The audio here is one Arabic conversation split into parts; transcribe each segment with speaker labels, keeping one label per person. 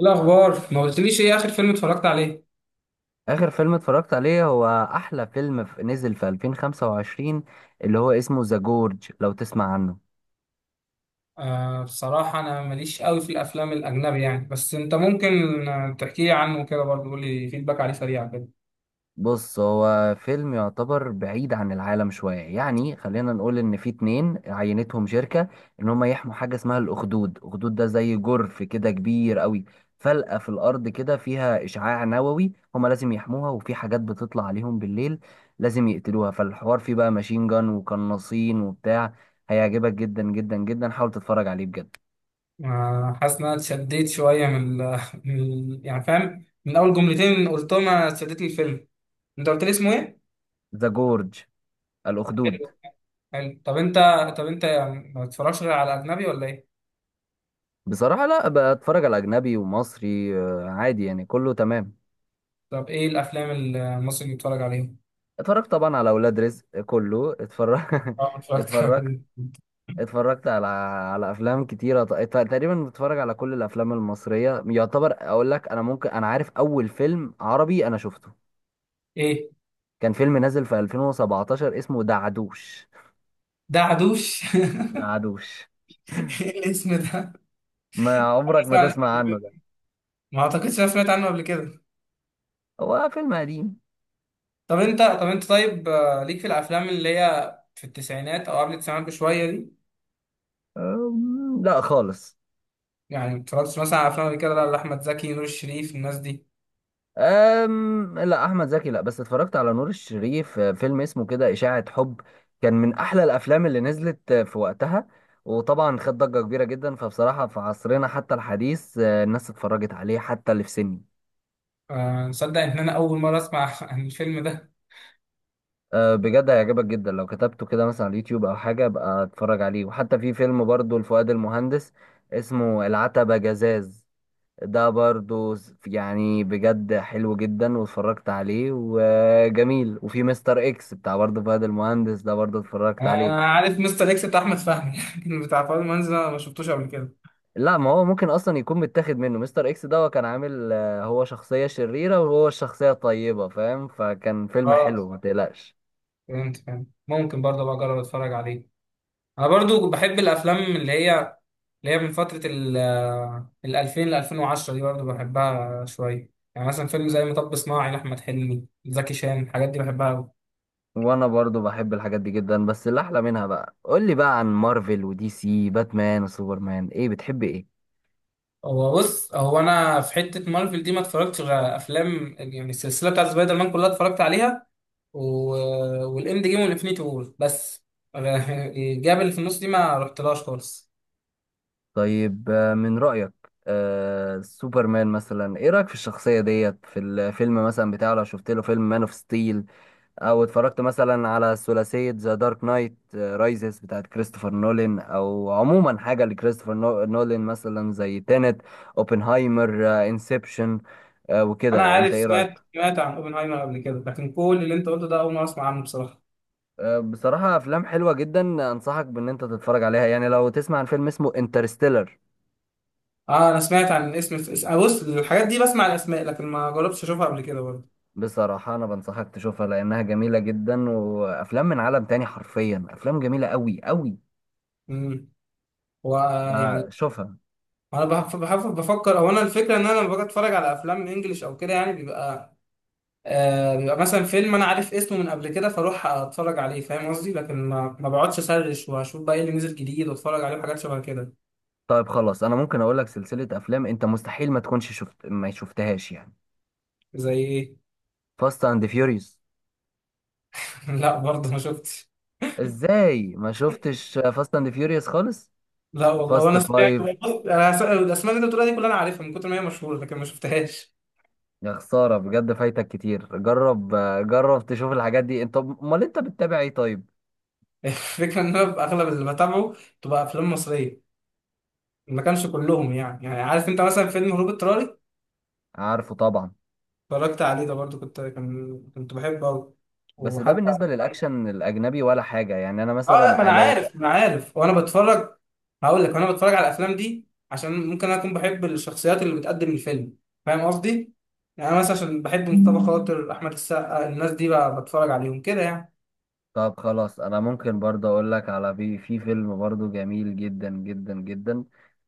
Speaker 1: الأخبار ما قلتليش إيه آخر فيلم اتفرجت عليه؟
Speaker 2: آخر فيلم اتفرجت عليه هو أحلى فيلم نزل في 2025، اللي هو اسمه ذا جورج، لو تسمع عنه.
Speaker 1: آه، بصراحة أنا ماليش قوي في الأفلام الأجنبي يعني. بس أنت ممكن تحكي لي عنه كده برضه، قول لي فيدباك عليه سريع كده.
Speaker 2: بص، هو فيلم يعتبر بعيد عن العالم شوية، يعني خلينا نقول إن في اتنين عينتهم شركة إن هما يحموا حاجة اسمها الأخدود. الأخدود ده زي جرف كده كبير قوي، فلقة في الأرض كده فيها إشعاع نووي، هما لازم يحموها، وفي حاجات بتطلع عليهم بالليل لازم يقتلوها. فالحوار فيه بقى ماشين جان وقناصين وبتاع. هيعجبك جدا جدا جدا، حاول تتفرج عليه بجد.
Speaker 1: آه، حاسس إن أنا اتشديت شوية يعني فاهم، من أول جملتين قلتهم أنا اتشدت لي الفيلم. أنت قلت لي اسمه إيه؟
Speaker 2: ذا جورج الأخدود.
Speaker 1: حلو. حلو، طب أنت يعني ما بتتفرجش غير على أجنبي ولا إيه؟
Speaker 2: بصراحة لا، بتفرج على أجنبي ومصري، عادي يعني كله تمام.
Speaker 1: طب إيه الأفلام المصري اللي بتتفرج عليها؟
Speaker 2: اتفرجت طبعا على أولاد رزق، كله اتفرج.
Speaker 1: أه، اتفرجت
Speaker 2: اتفرجت
Speaker 1: على
Speaker 2: اتفرجت على أفلام كتيرة. تقريبا بتفرج على كل الأفلام المصرية يعتبر. أقول لك، أنا ممكن، أنا عارف أول فيلم عربي أنا شفته،
Speaker 1: إيه؟
Speaker 2: كان فيلم نازل في 2017 اسمه دعدوش.
Speaker 1: ده عدوش؟
Speaker 2: دعدوش.
Speaker 1: إيه الاسم ده؟
Speaker 2: ما عمرك ما
Speaker 1: يعني
Speaker 2: تسمع عنه ده،
Speaker 1: ما اعتقدش انا سمعت عنه قبل كده.
Speaker 2: هو فيلم قديم.
Speaker 1: طب انت طيب، ليك في الافلام اللي هي في التسعينات او قبل التسعينات بشويه دي؟
Speaker 2: لا خالص.
Speaker 1: يعني ما اتفرجتش مثلا على افلام قبل كده لا، لاحمد زكي، نور الشريف، الناس دي.
Speaker 2: لا، احمد زكي لا، بس اتفرجت على نور الشريف. فيلم اسمه كده اشاعة حب، كان من احلى الافلام اللي نزلت في وقتها، وطبعا خد ضجة كبيرة جدا. فبصراحة في عصرنا حتى الحديث، الناس اتفرجت عليه حتى اللي في سني.
Speaker 1: آه، نصدق ان انا اول مره اسمع عن الفيلم ده.
Speaker 2: بجد هيعجبك جدا، لو كتبته كده مثلا على اليوتيوب او حاجة، ابقى اتفرج عليه. وحتى في فيلم برضو لفؤاد المهندس اسمه العتبة جزاز، ده برضو يعني بجد حلو جدا، واتفرجت عليه وجميل. وفي مستر اكس بتاع برضو فهد المهندس، ده برضو اتفرجت عليه.
Speaker 1: انا عارف مستر اكس بتاع احمد فهمي لكن بتاع فاضل منزل أنا ما شفتوش قبل كده.
Speaker 2: لا، ما هو ممكن اصلا يكون متاخد منه. مستر اكس ده، هو كان عامل، هو شخصية شريرة وهو الشخصية الطيبة، فاهم؟ فكان فيلم
Speaker 1: اه،
Speaker 2: حلو، ما تقلقش.
Speaker 1: فهمت فهمت. ممكن برضه بقى اجرب اتفرج عليه. انا برضو بحب الافلام اللي هي من فتره ال 2000 ل 2010 دي، برضو بحبها شويه. يعني مثلا فيلم زي مطب صناعي لاحمد حلمي، زكي شان، الحاجات دي بحبها قوي.
Speaker 2: وانا برضو بحب الحاجات دي جدا، بس اللي احلى منها بقى، قول لي بقى عن مارفل ودي سي، باتمان وسوبرمان، ايه بتحب ايه؟
Speaker 1: هو بص، انا في حته مارفل دي ما اتفرجتش غير افلام يعني السلسله بتاعت سبايدر مان كلها اتفرجت عليها، و... والاند جيم والانفينيتي وور بس. الجاب اللي في النص دي ما رحتلهاش خالص.
Speaker 2: طيب، من رأيك، سوبرمان مثلا ايه رأيك في الشخصية ديت في الفيلم مثلا بتاعه؟ لو شفت له فيلم مان اوف ستيل، او اتفرجت مثلا على ثلاثية ذا دارك نايت رايزز بتاعت كريستوفر نولان، او عموما حاجة لكريستوفر نولان، مثلا زي تينت، اوبنهايمر، انسبشن، آه،
Speaker 1: انا
Speaker 2: وكده، انت
Speaker 1: عارف،
Speaker 2: ايه
Speaker 1: سمعت
Speaker 2: رأيك؟
Speaker 1: سمعت عن اوبنهايمر قبل كده، لكن كل اللي انت قلته ده اول مره اسمع عنه بصراحه.
Speaker 2: بصراحة أفلام حلوة جدا، أنصحك بإن أنت تتفرج عليها، يعني لو تسمع عن فيلم اسمه انترستيلر.
Speaker 1: اه، انا سمعت عن الاسم. بص، الحاجات دي بسمع الاسماء لكن ما جربتش اشوفها قبل كده برضه.
Speaker 2: بصراحة أنا بنصحك تشوفها لأنها جميلة جدا، وأفلام من عالم تاني، حرفيا أفلام جميلة أوي أوي،
Speaker 1: امم هو يعني
Speaker 2: فشوفها.
Speaker 1: انا بفكر، او انا الفكره ان انا لما باجي اتفرج على افلام انجليش او كده يعني بيبقى مثلا فيلم انا عارف اسمه من قبل كده، فاروح اتفرج عليه، فاهم قصدي؟ لكن ما بقعدش اسرش واشوف بقى ايه اللي نزل جديد واتفرج عليه، حاجات شبه كده.
Speaker 2: طيب خلاص، أنا ممكن أقول لك سلسلة أفلام أنت مستحيل ما تكونش شفت، ما شفتهاش يعني.
Speaker 1: زي ايه؟
Speaker 2: فاست أند فيوريوس.
Speaker 1: لا، برضه ما شفتش.
Speaker 2: إزاي ما شفتش فاست أند فيوريوس خالص؟
Speaker 1: لا والله، هو
Speaker 2: فاست
Speaker 1: انا سمعت.
Speaker 2: فايف.
Speaker 1: الاسماء اللي انت بتقولها دي كلها انا عارفها من كتر ما هي مشهوره، لكن ما شفتهاش.
Speaker 2: يا خسارة بجد، فايتك كتير. جرب، جرب تشوف الحاجات دي. أنت أمال أنت بتتابع إيه طيب؟
Speaker 1: الفكره ان انا اغلب اللي بتابعه تبقى افلام مصريه. ما كانش كلهم يعني عارف انت مثلا فيلم هروب اضطراري؟
Speaker 2: عارفه طبعا.
Speaker 1: اتفرجت عليه، ده برضو كنت بحبه قوي.
Speaker 2: بس ده
Speaker 1: وحتى
Speaker 2: بالنسبة للأكشن الأجنبي ولا حاجة، يعني أنا
Speaker 1: اه، لا، ما انا
Speaker 2: مثلا لو.
Speaker 1: عارف ما انا عارف وانا بتفرج. هقول لك، وانا بتفرج على الافلام دي عشان ممكن انا اكون بحب الشخصيات اللي بتقدم الفيلم، فاهم قصدي؟ يعني انا مثلا عشان بحب مصطفى خاطر، احمد السقا، الناس دي بقى بتفرج عليهم كده يعني.
Speaker 2: طب خلاص، انا ممكن برضه اقول لك على في فيلم برضه جميل جدا جدا جدا،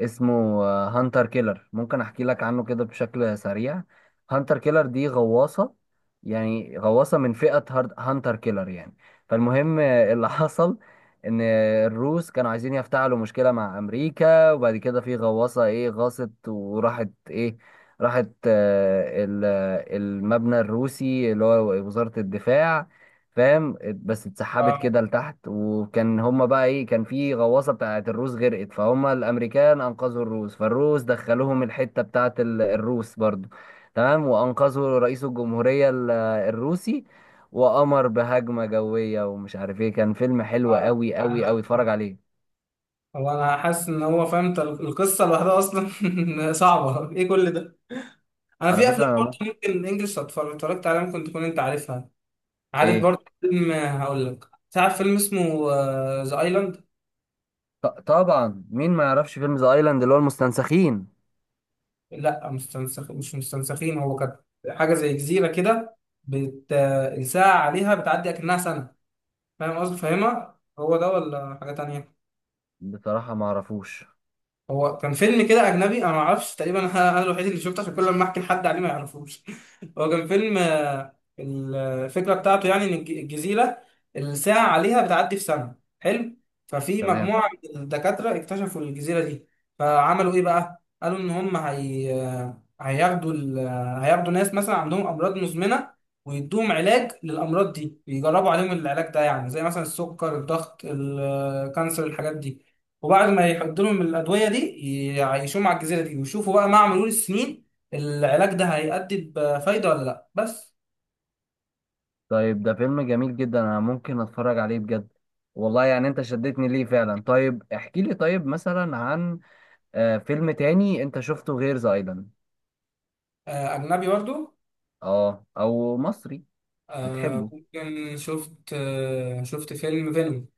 Speaker 2: اسمه هانتر كيلر. ممكن احكي لك عنه كده بشكل سريع. هانتر كيلر دي غواصة، يعني غواصة من فئة هانتر كيلر يعني. فالمهم، اللي حصل ان الروس كانوا عايزين يفتعلوا مشكلة مع امريكا. وبعد كده في غواصة ايه، غاصت وراحت ايه، راحت، المبنى الروسي اللي هو وزارة الدفاع، فاهم؟ بس
Speaker 1: اه،
Speaker 2: اتسحبت كده لتحت. وكان هما بقى ايه، كان في غواصة بتاعت الروس غرقت، فهم الامريكان انقذوا الروس، فالروس دخلوهم الحتة بتاعت الروس برضو، تمام، وانقذوا رئيس الجمهورية الروسي، وأمر بهجمة جوية ومش عارف ايه. كان فيلم حلو قوي
Speaker 1: اه،
Speaker 2: قوي
Speaker 1: لا،
Speaker 2: قوي، اتفرج عليه.
Speaker 1: هو انا حاسس ان هو فهمت القصه لوحدها اصلا. صعبه ايه كل ده! انا
Speaker 2: على
Speaker 1: في
Speaker 2: فكرة
Speaker 1: افلام
Speaker 2: انا ما.
Speaker 1: برضه ممكن انجلش اتفرجت عليها ممكن تكون انت عارفها. عارف
Speaker 2: ايه؟
Speaker 1: برضه فيلم، هقول لك، تعرف فيلم اسمه ذا ايلاند؟
Speaker 2: طبعا، مين ما يعرفش فيلم ذا ايلاند اللي هو المستنسخين؟
Speaker 1: لا، مستنسخ مش مستنسخين. هو كانت حاجه زي جزيره كده، بت... الساعه عليها بتعدي اكنها سنه. فاهم قصدي؟ فاهمها هو ده ولا حاجه تانية؟
Speaker 2: بصراحة ما اعرفوش.
Speaker 1: هو كان فيلم كده اجنبي انا ما اعرفش، تقريبا انا الوحيد اللي شفته عشان كل ما احكي لحد عليه ما يعرفوش. هو كان فيلم، الفكره بتاعته يعني ان الجزيره الساعه عليها بتعدي في سنه، حلو. ففي
Speaker 2: تمام.
Speaker 1: مجموعه من الدكاتره اكتشفوا الجزيره دي، فعملوا ايه بقى، قالوا ان هم هي هياخدوا ال... آه، هياخدوا ناس مثلا عندهم امراض مزمنه، ويدوهم علاج للامراض دي، ويجربوا عليهم العلاج ده يعني زي مثلا السكر، الضغط، الكانسر، الحاجات دي. وبعد ما يحط لهم الادويه دي، يعيشوهم على الجزيره دي ويشوفوا بقى مع مرور السنين العلاج ده هيأدي بفايده ولا لا، بس.
Speaker 2: طيب، ده فيلم جميل جدا، انا ممكن اتفرج عليه بجد والله. يعني انت شدتني ليه فعلا. طيب احكي لي، طيب مثلا عن فيلم تاني انت شفته غير ذا ايلاند.
Speaker 1: آه، اجنبي برضو.
Speaker 2: اه، او مصري. بتحبه؟
Speaker 1: ممكن شفت فيلم فينوم.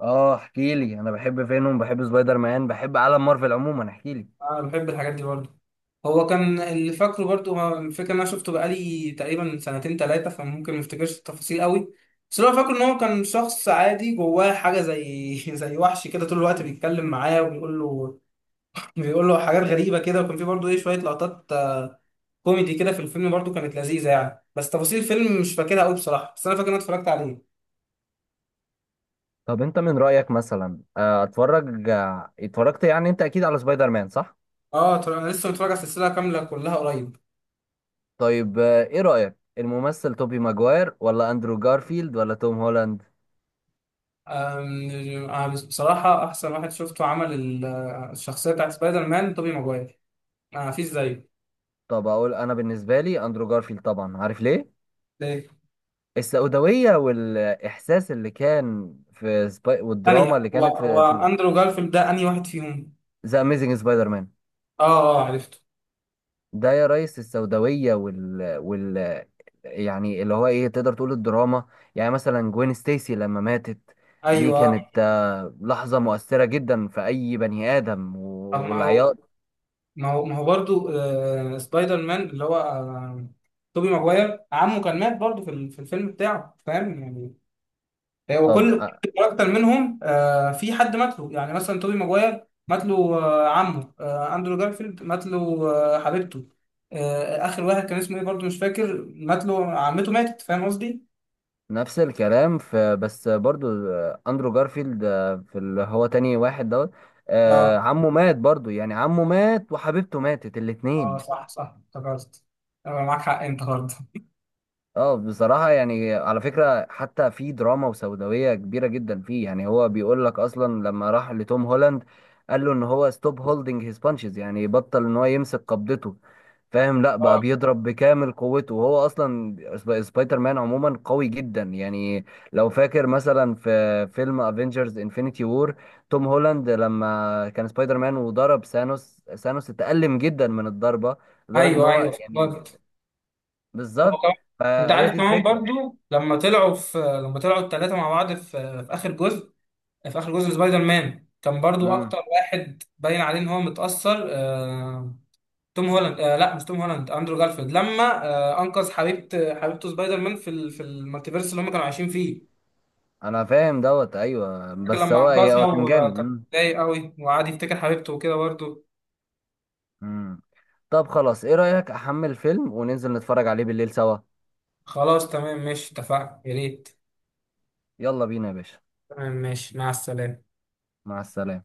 Speaker 2: اه احكي لي، انا بحب فينوم، بحب سبايدر مان، بحب عالم مارفل عموما، احكي لي.
Speaker 1: انا بحب الحاجات دي برضو. هو كان اللي فاكره برضو، هو الفكره ان انا شفته بقالي تقريبا سنتين ثلاثه فممكن ما افتكرش التفاصيل قوي. بس اللي هو فاكره ان هو كان شخص عادي جواه حاجه زي زي وحش كده طول الوقت بيتكلم معاه وبيقول له بيقول له حاجات غريبه كده. وكان في برضو ايه، شويه لقطات كوميدي كده في الفيلم برضو كانت لذيذه يعني. بس تفاصيل الفيلم مش فاكرها قوي بصراحه، بس انا فاكر ان انا اتفرجت عليه.
Speaker 2: طب انت من رأيك مثلا، اتفرجت يعني، انت اكيد على سبايدر مان، صح؟
Speaker 1: اه، طبعا انا لسه متفرج على السلسله كامله كلها قريب.
Speaker 2: طيب ايه رأيك الممثل توبي ماجواير ولا اندرو جارفيلد ولا توم هولاند؟
Speaker 1: بصراحه احسن واحد شفته عمل الشخصيه بتاعت سبايدر مان، توبي ماجواير. ما فيش زيه.
Speaker 2: طب اقول انا بالنسبه لي اندرو جارفيلد، طبعا. عارف ليه؟
Speaker 1: ليه؟
Speaker 2: السوداويه والاحساس اللي كان في والدراما
Speaker 1: ثانيه،
Speaker 2: اللي
Speaker 1: هو
Speaker 2: كانت
Speaker 1: هو
Speaker 2: في
Speaker 1: اندرو جارفيلد ده انهي واحد فيهم؟
Speaker 2: ذا اميزنج سبايدر مان.
Speaker 1: اه، اه، عرفته.
Speaker 2: ده يا ريس، السوداويه وال يعني، اللي هو ايه، تقدر تقول الدراما. يعني مثلا جوين ستيسي لما ماتت، دي
Speaker 1: ايوه.
Speaker 2: كانت لحظه مؤثره جدا في اي بني ادم
Speaker 1: طب، ما هو
Speaker 2: والعياط.
Speaker 1: ما هو ما هو برضو سبايدر مان اللي هو توبي ماجواير عمه كان مات برضو في الفيلم بتاعه، فاهم يعني؟
Speaker 2: طب
Speaker 1: وكل كل كاركتر منهم في حد مات له. يعني مثلا توبي ماجواير مات له عمه، اندرو جارفيلد مات له حبيبته، اخر واحد كان اسمه ايه برضه مش فاكر، مات له عمته، ماتت، فاهم قصدي؟
Speaker 2: نفس الكلام، في بس برضو اندرو جارفيلد في اللي هو تاني واحد دوت،
Speaker 1: اه،
Speaker 2: عمه مات برضو، يعني عمه مات وحبيبته ماتت
Speaker 1: اه،
Speaker 2: الاتنين.
Speaker 1: صح صح، افتكرت. آه، معاك حق انت برضه.
Speaker 2: اه بصراحة يعني، على فكرة، حتى في دراما وسوداوية كبيرة جدا فيه، يعني هو بيقول لك أصلا. لما راح لتوم هولاند قال له إن هو ستوب هولدنج هيز بانشز، يعني بطل إن هو يمسك قبضته، فاهم؟ لا بقى
Speaker 1: اه،
Speaker 2: بيضرب بكامل قوته، وهو أصلا سبايدر مان عموما قوي جدا يعني. لو فاكر مثلا في فيلم افنجرز انفينيتي وور، توم هولاند لما كان سبايدر مان وضرب ثانوس، ثانوس اتألم جدا من الضربة، لدرجة إن
Speaker 1: ايوه،
Speaker 2: هو
Speaker 1: ايوه،
Speaker 2: يعني.
Speaker 1: افتكرت. هو
Speaker 2: بالظبط،
Speaker 1: كمان، انت
Speaker 2: فهي
Speaker 1: عارف
Speaker 2: دي
Speaker 1: كمان
Speaker 2: الفكرة.
Speaker 1: برضه لما طلعوا الثلاثه مع بعض في اخر جزء. في اخر جزء سبايدر مان كان برضو
Speaker 2: امم
Speaker 1: اكتر واحد باين عليه ان هو متأثر، توم هولاند. لا، مش توم هولاند، اندرو جارفيلد لما انقذ حبيبته سبايدر مان في المالتيفيرس اللي هم كانوا عايشين فيه.
Speaker 2: انا فاهم دوت، ايوه،
Speaker 1: فاكر
Speaker 2: بس
Speaker 1: لما
Speaker 2: هو
Speaker 1: انقذها
Speaker 2: هو كان جامد.
Speaker 1: وكان متضايق قوي وقعد يفتكر حبيبته وكده برضه.
Speaker 2: أمم. طب خلاص، ايه رأيك احمل فيلم وننزل نتفرج عليه بالليل سوا؟
Speaker 1: خلاص، تمام، ماشي، اتفقنا، يا ريت.
Speaker 2: يلا بينا يا باشا.
Speaker 1: تمام، ماشي، مع السلامه.
Speaker 2: مع السلامة.